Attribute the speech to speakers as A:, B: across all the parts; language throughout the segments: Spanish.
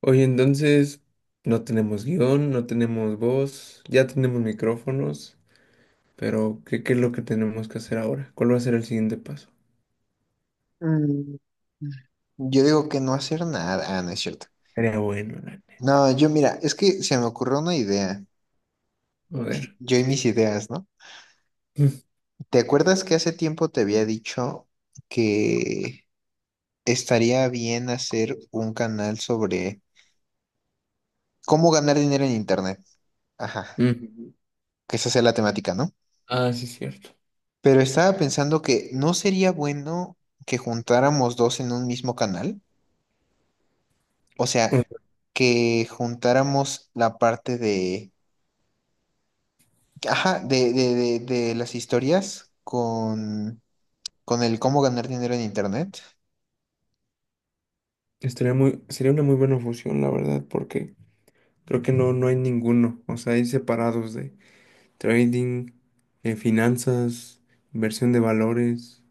A: Oye, entonces no tenemos guión, no tenemos voz, ya tenemos micrófonos, pero ¿qué es lo que tenemos que hacer ahora? ¿Cuál va a ser el siguiente paso?
B: Mm, Yo digo que no hacer nada. Ah, no es cierto.
A: Sería bueno, la neta.
B: No, yo mira, es que se me ocurrió una idea.
A: A ver.
B: Yo y mis ideas, ¿no? ¿Te acuerdas que hace tiempo te había dicho que estaría bien hacer un canal sobre cómo ganar dinero en Internet? Ajá,
A: Mm. Mm.
B: que esa sea la temática, ¿no?
A: Ah, sí, cierto.
B: Pero estaba pensando que no sería bueno que juntáramos dos en un mismo canal. O
A: Mm.
B: sea, que juntáramos la parte de ajá, de las historias con el cómo ganar dinero en internet.
A: Sería una muy buena fusión, la verdad, porque creo que no hay ninguno. O sea, hay separados de trading, finanzas, inversión de valores,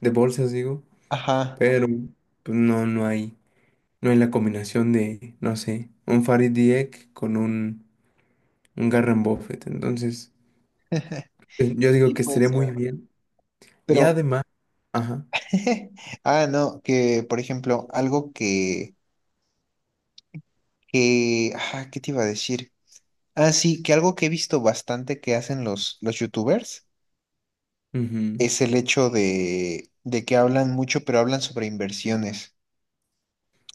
A: de bolsas, digo,
B: Ajá,
A: pero pues no hay. No en la combinación de, no sé, un Farid Dieck con un Garren Buffett. Entonces, yo
B: sí
A: digo que
B: puede
A: estaría muy
B: ser.
A: bien. Y
B: Pero,
A: además, ajá.
B: ah, no, que por ejemplo, ah, ¿qué te iba a decir? Ah, sí, que algo que he visto bastante que hacen los youtubers
A: Ujú.
B: es el hecho de que hablan mucho, pero hablan sobre inversiones.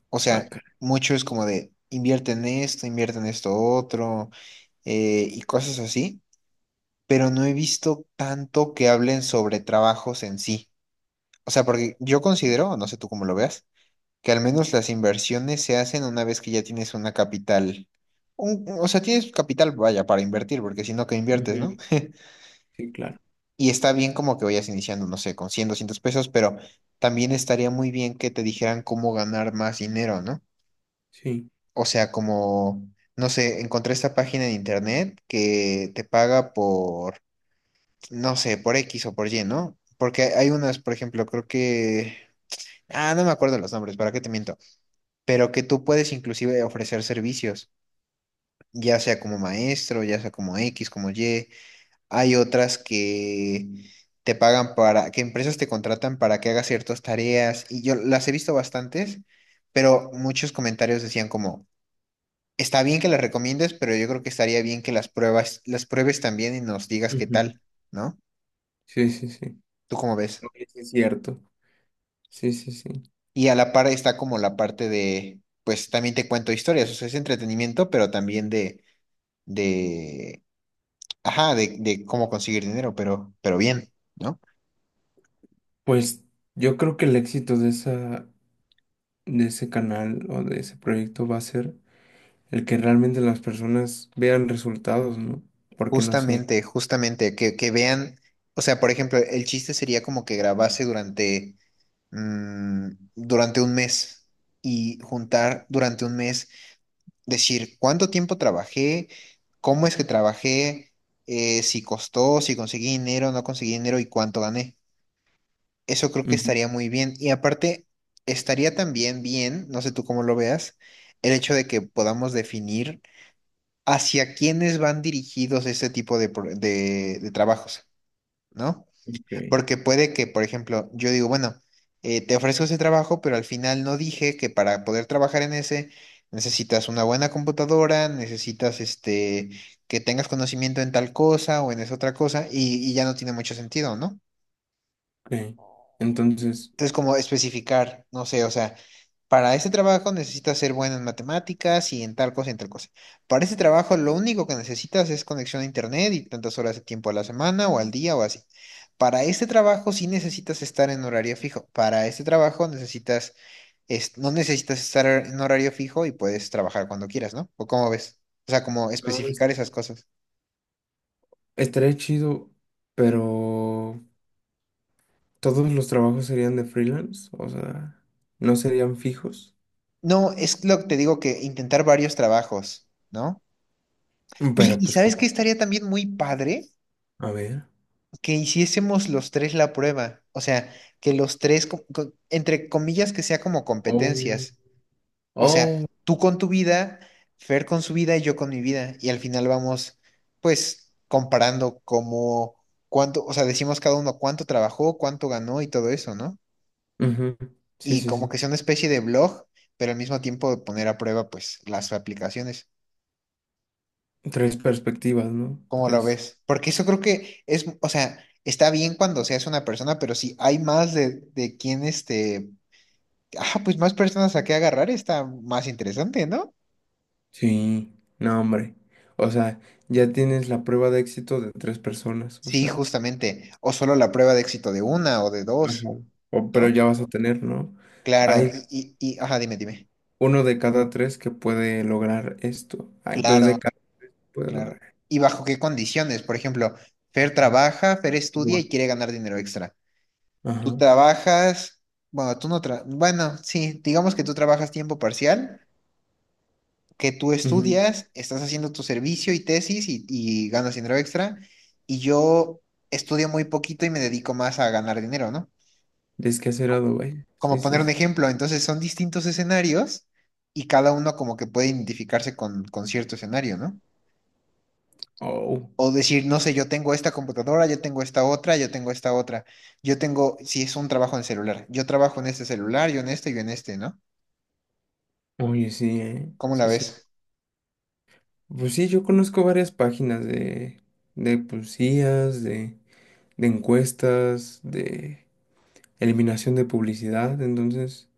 B: O
A: Ah,
B: sea,
A: caray.
B: mucho es como de invierte en esto otro, y cosas así, pero no he visto tanto que hablen sobre trabajos en sí. O sea, porque yo considero, no sé tú cómo lo veas, que al menos las inversiones se hacen una vez que ya tienes una capital. O sea, tienes capital, vaya, para invertir, porque si no, ¿qué inviertes,
A: Ujú.
B: no?
A: Sí, claro.
B: Y está bien como que vayas iniciando, no sé, con 100, 200 pesos, pero también estaría muy bien que te dijeran cómo ganar más dinero, ¿no?
A: Sí.
B: O sea, como, no sé, encontré esta página en internet que te paga por no sé, por X o por Y, ¿no? Porque hay unas, por ejemplo, creo que... Ah, no me acuerdo los nombres, ¿para qué te miento? Pero que tú puedes inclusive ofrecer servicios, ya sea como maestro, ya sea como X, como Y. Hay otras que te pagan para, que empresas te contratan para que hagas ciertas tareas. Y yo las he visto bastantes, pero muchos comentarios decían como, está bien que las recomiendes, pero yo creo que estaría bien que las pruebas, las pruebes también y nos digas qué
A: Ujú.
B: tal, ¿no?
A: Sí, sí, sí.
B: ¿Tú cómo ves?
A: Oye, sí es cierto. Sí, sí, sí.
B: Y a la par está como la parte de, pues también te cuento historias, o sea, es entretenimiento, pero también de, ajá, de cómo conseguir dinero, pero bien, ¿no?
A: Pues yo creo que el éxito de de ese canal o de ese proyecto va a ser el que realmente las personas vean resultados, ¿no? Porque no sé.
B: Justamente, justamente, que vean, o sea, por ejemplo, el chiste sería como que grabase durante, durante un mes y juntar durante un mes, decir cuánto tiempo trabajé, cómo es que trabajé, si costó, si conseguí dinero, no conseguí dinero y cuánto gané. Eso creo que
A: Ujú.
B: estaría muy bien. Y aparte, estaría también bien, no sé tú cómo lo veas, el hecho de que podamos definir hacia quiénes van dirigidos este tipo de trabajos, ¿no?
A: Ok.
B: Porque puede que, por ejemplo, yo digo, bueno, te ofrezco ese trabajo, pero al final no dije que para poder trabajar en ese necesitas una buena computadora, necesitas este, que tengas conocimiento en tal cosa o en esa otra cosa, y ya no tiene mucho sentido, ¿no?
A: Ok. Entonces,
B: Entonces, como especificar, no sé, o sea, para este trabajo necesitas ser bueno en matemáticas y en tal cosa y en tal cosa. Para este trabajo lo único que necesitas es conexión a internet y tantas horas de tiempo a la semana o al día o así. Para este trabajo sí necesitas estar en horario fijo. Para este trabajo no necesitas estar en horario fijo y puedes trabajar cuando quieras, ¿no? ¿O cómo ves? O sea, como
A: no,
B: especificar
A: es-
B: esas cosas.
A: Estaría chido, pero todos los trabajos serían de freelance, o sea, no serían fijos.
B: No, es lo que te digo, que intentar varios trabajos, ¿no? Oye,
A: Pero
B: ¿y sabes qué estaría también muy padre?
A: a ver.
B: Que hiciésemos los tres la prueba, o sea, que los tres, entre comillas, que sea como
A: Oh.
B: competencias, o sea,
A: Oh.
B: tú con tu vida, Fer con su vida y yo con mi vida, y al final vamos, pues, comparando como cuánto, o sea, decimos cada uno cuánto trabajó, cuánto ganó y todo eso, ¿no?
A: Ujú. Sí,
B: Y
A: sí,
B: como
A: sí.
B: que sea una especie de blog, pero al mismo tiempo poner a prueba, pues, las aplicaciones,
A: Tres perspectivas, ¿no?
B: ¿cómo lo
A: Tres.
B: ves? Porque eso creo que es, o sea... Está bien cuando seas una persona, pero si hay más de quién este, ah, pues más personas a qué agarrar está más interesante, ¿no?
A: Sí, no, hombre. O sea, ya tienes la prueba de éxito de tres personas, o
B: Sí,
A: sea.
B: justamente. O solo la prueba de éxito de una o de dos,
A: Ajá. O, pero
B: ¿no?
A: ya vas a tener, ¿no?
B: Claro,
A: Hay
B: ajá, dime, dime.
A: uno de cada tres que puede lograr esto. Hay dos de
B: Claro,
A: cada que puede
B: claro.
A: lograr.
B: ¿Y bajo qué condiciones? Por ejemplo, Fer
A: Ujú.
B: trabaja, Fer estudia
A: Guau.
B: y quiere ganar dinero extra. Tú
A: Ajá.
B: trabajas, bueno, tú no tra- bueno, sí, digamos que tú trabajas tiempo parcial, que tú
A: Ujú.
B: estudias, estás haciendo tu servicio y tesis y ganas dinero extra, y yo estudio muy poquito y me dedico más a ganar dinero, ¿no?
A: Descacerado, vaya. Sí,
B: Como
A: sí,
B: poner un
A: sí.
B: ejemplo, entonces son distintos escenarios y cada uno como que puede identificarse con cierto escenario, ¿no?
A: Oh,
B: O decir, no sé, yo tengo esta computadora, yo tengo esta otra, yo tengo esta otra, yo tengo, si es un trabajo en celular, yo trabajo en este celular, yo en este, ¿no?
A: oye, sí, ¿eh?
B: ¿Cómo la
A: Sí, sí.
B: ves?
A: Pues sí, yo conozco varias páginas de, de pues, de, de encuestas, de eliminación de publicidad. Entonces,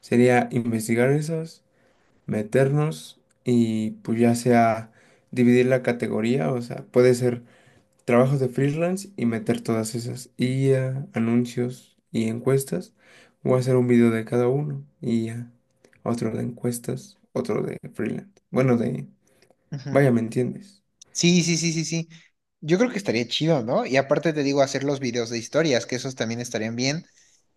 A: sería investigar esas, meternos y pues ya sea dividir la categoría, o sea, puede ser trabajos de freelance y meter todas esas IA, anuncios y encuestas. Voy a hacer un video de cada uno y ya. Otro de encuestas, otro de freelance. Bueno, de...
B: Ujú.
A: Vaya, ¿me entiendes?
B: Sí, sí, sí, sí, sí. Yo creo que estaría chido, ¿no? Y aparte te digo, hacer los videos de historias, que esos también estarían bien,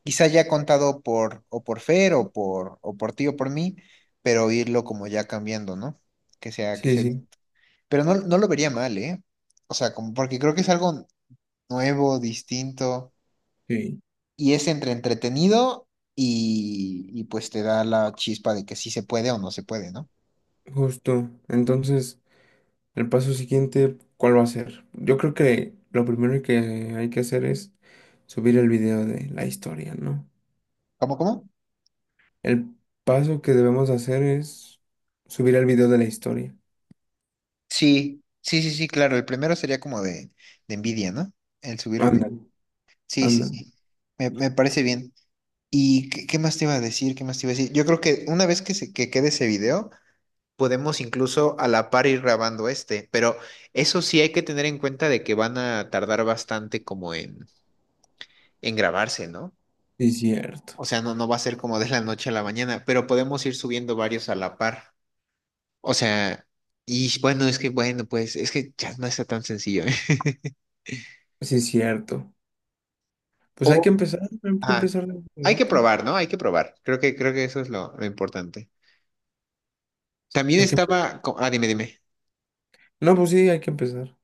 B: quizá ya contado por o por Fer o por ti o por mí, pero irlo como ya cambiando, ¿no? Que sea que
A: Sí,
B: sea, dis-
A: sí,
B: pero no, no lo vería mal, ¿eh? O sea, como porque creo que es algo nuevo, distinto
A: sí.
B: y es entre entretenido y pues te da la chispa de que sí se puede o no se puede, ¿no?
A: Justo. Entonces, el paso siguiente, ¿cuál va a ser? Yo creo que lo primero que hay que hacer es subir el video de la historia, ¿no?
B: ¿Cómo cómo?
A: El paso que debemos hacer es subir el video de la historia.
B: Sí. Sí, sí, sí, claro, el primero sería como de envidia, ¿no? El subir el beat.
A: Ándale,
B: Sí, sí,
A: ándale.
B: sí. Me parece bien. ¿Y qué, qué más te iba a decir? ¿Qué más te iba a decir? Yo creo que una vez que quede ese video, podemos incluso a la par ir grabando este, pero eso sí hay que tener en cuenta de que van a tardar bastante como en grabarse, ¿no?
A: Sí, cierto.
B: O sea, no, no va a ser como de la noche a la mañana, pero podemos ir subiendo varios a la par. O sea, y bueno, es que bueno, pues es que ya no está tan sencillo, ¿eh?
A: Sí, es cierto. Pues
B: O,
A: hay que
B: ajá,
A: empezar desde
B: hay que
A: ahorita.
B: probar, ¿no? Hay que probar. Creo que eso es lo importante.
A: Hay que empe-
B: Ah, dime, dime.
A: No, pues sí, hay que empezar.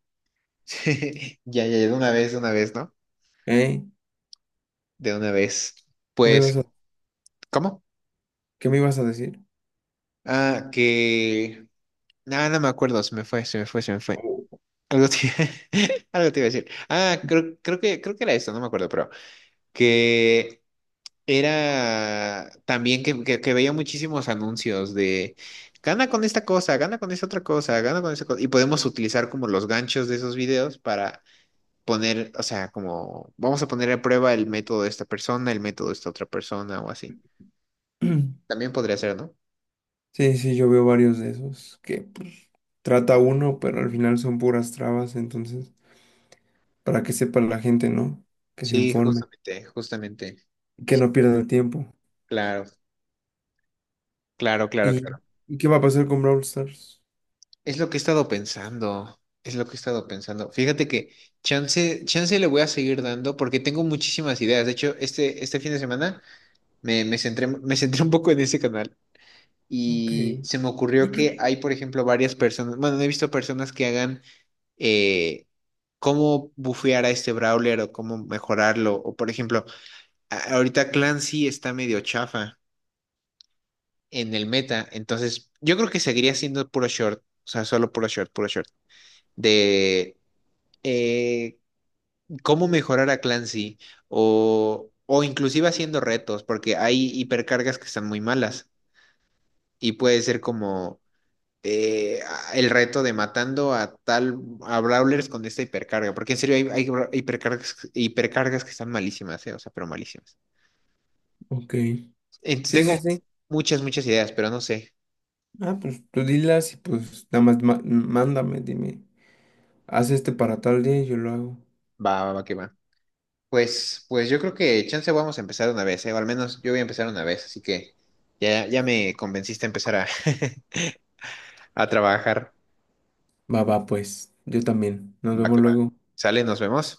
B: Ya, ya, ya, de una vez, ¿no?
A: ¿Eh?
B: De una vez.
A: ¿Qué me
B: Pues,
A: ibas a,
B: ¿cómo?
A: ¿qué me ibas a decir?
B: Ah, que... Nada, no me acuerdo, se me fue, se me fue, se me fue.
A: Oh.
B: Algo te, algo te iba a decir. Ah, creo, creo que era esto, no me acuerdo, pero que era también que veía muchísimos anuncios de gana con esta cosa, gana con esta otra cosa, gana con esa cosa. Y podemos utilizar como los ganchos de esos videos para poner, o sea, como vamos a poner a prueba el método de esta persona, el método de esta otra persona o así. También podría ser, ¿no?
A: Sí, sí, yo veo varios de esos que pues, trata uno, pero al final son puras trabas, entonces, para que sepa la gente, ¿no? Que se
B: Sí,
A: informe,
B: justamente, justamente.
A: y
B: Y
A: que
B: sí,
A: no pierda el tiempo.
B: claro, claro, claro, claro.
A: ¿Y, ¿y qué va a pasar con Brawl Stars?
B: Es lo que he estado pensando, es lo que he estado pensando. Fíjate que chance, chance le voy a seguir dando porque tengo muchísimas ideas. De hecho, este fin de semana me centré un poco en ese canal.
A: Ok,
B: Y se me ocurrió que hay, por ejemplo, varias personas, bueno, no he visto personas que hagan eh, cómo bufear a este brawler o cómo mejorarlo. O, por ejemplo, ahorita Clancy está medio chafa en el meta, entonces yo creo que seguiría siendo puro short, o sea, solo puro short, de eh, cómo mejorar a Clancy o inclusive haciendo retos, porque hay hipercargas que están muy malas y puede ser como eh, el reto de matando a tal, a Brawlers con esta hipercarga, porque en serio hay, hipercargas, hipercargas que están malísimas, o sea, pero malísimas.
A: ok.
B: Entonces sí,
A: Sí, sí,
B: tengo
A: sí.
B: muchas, muchas ideas, pero no sé.
A: Ah, pues tú dilas y pues nada más mándame, dime, haz este para tal día y yo lo hago.
B: Va, va, va, que va. Pues, pues yo creo que chance vamos a empezar una vez, o al menos yo voy a empezar una vez, así que ya, ya me convenciste a empezar a, a trabajar.
A: Va, va, pues. Yo también. Nos
B: Va,
A: vemos
B: que va.
A: luego.
B: Sale, nos vemos.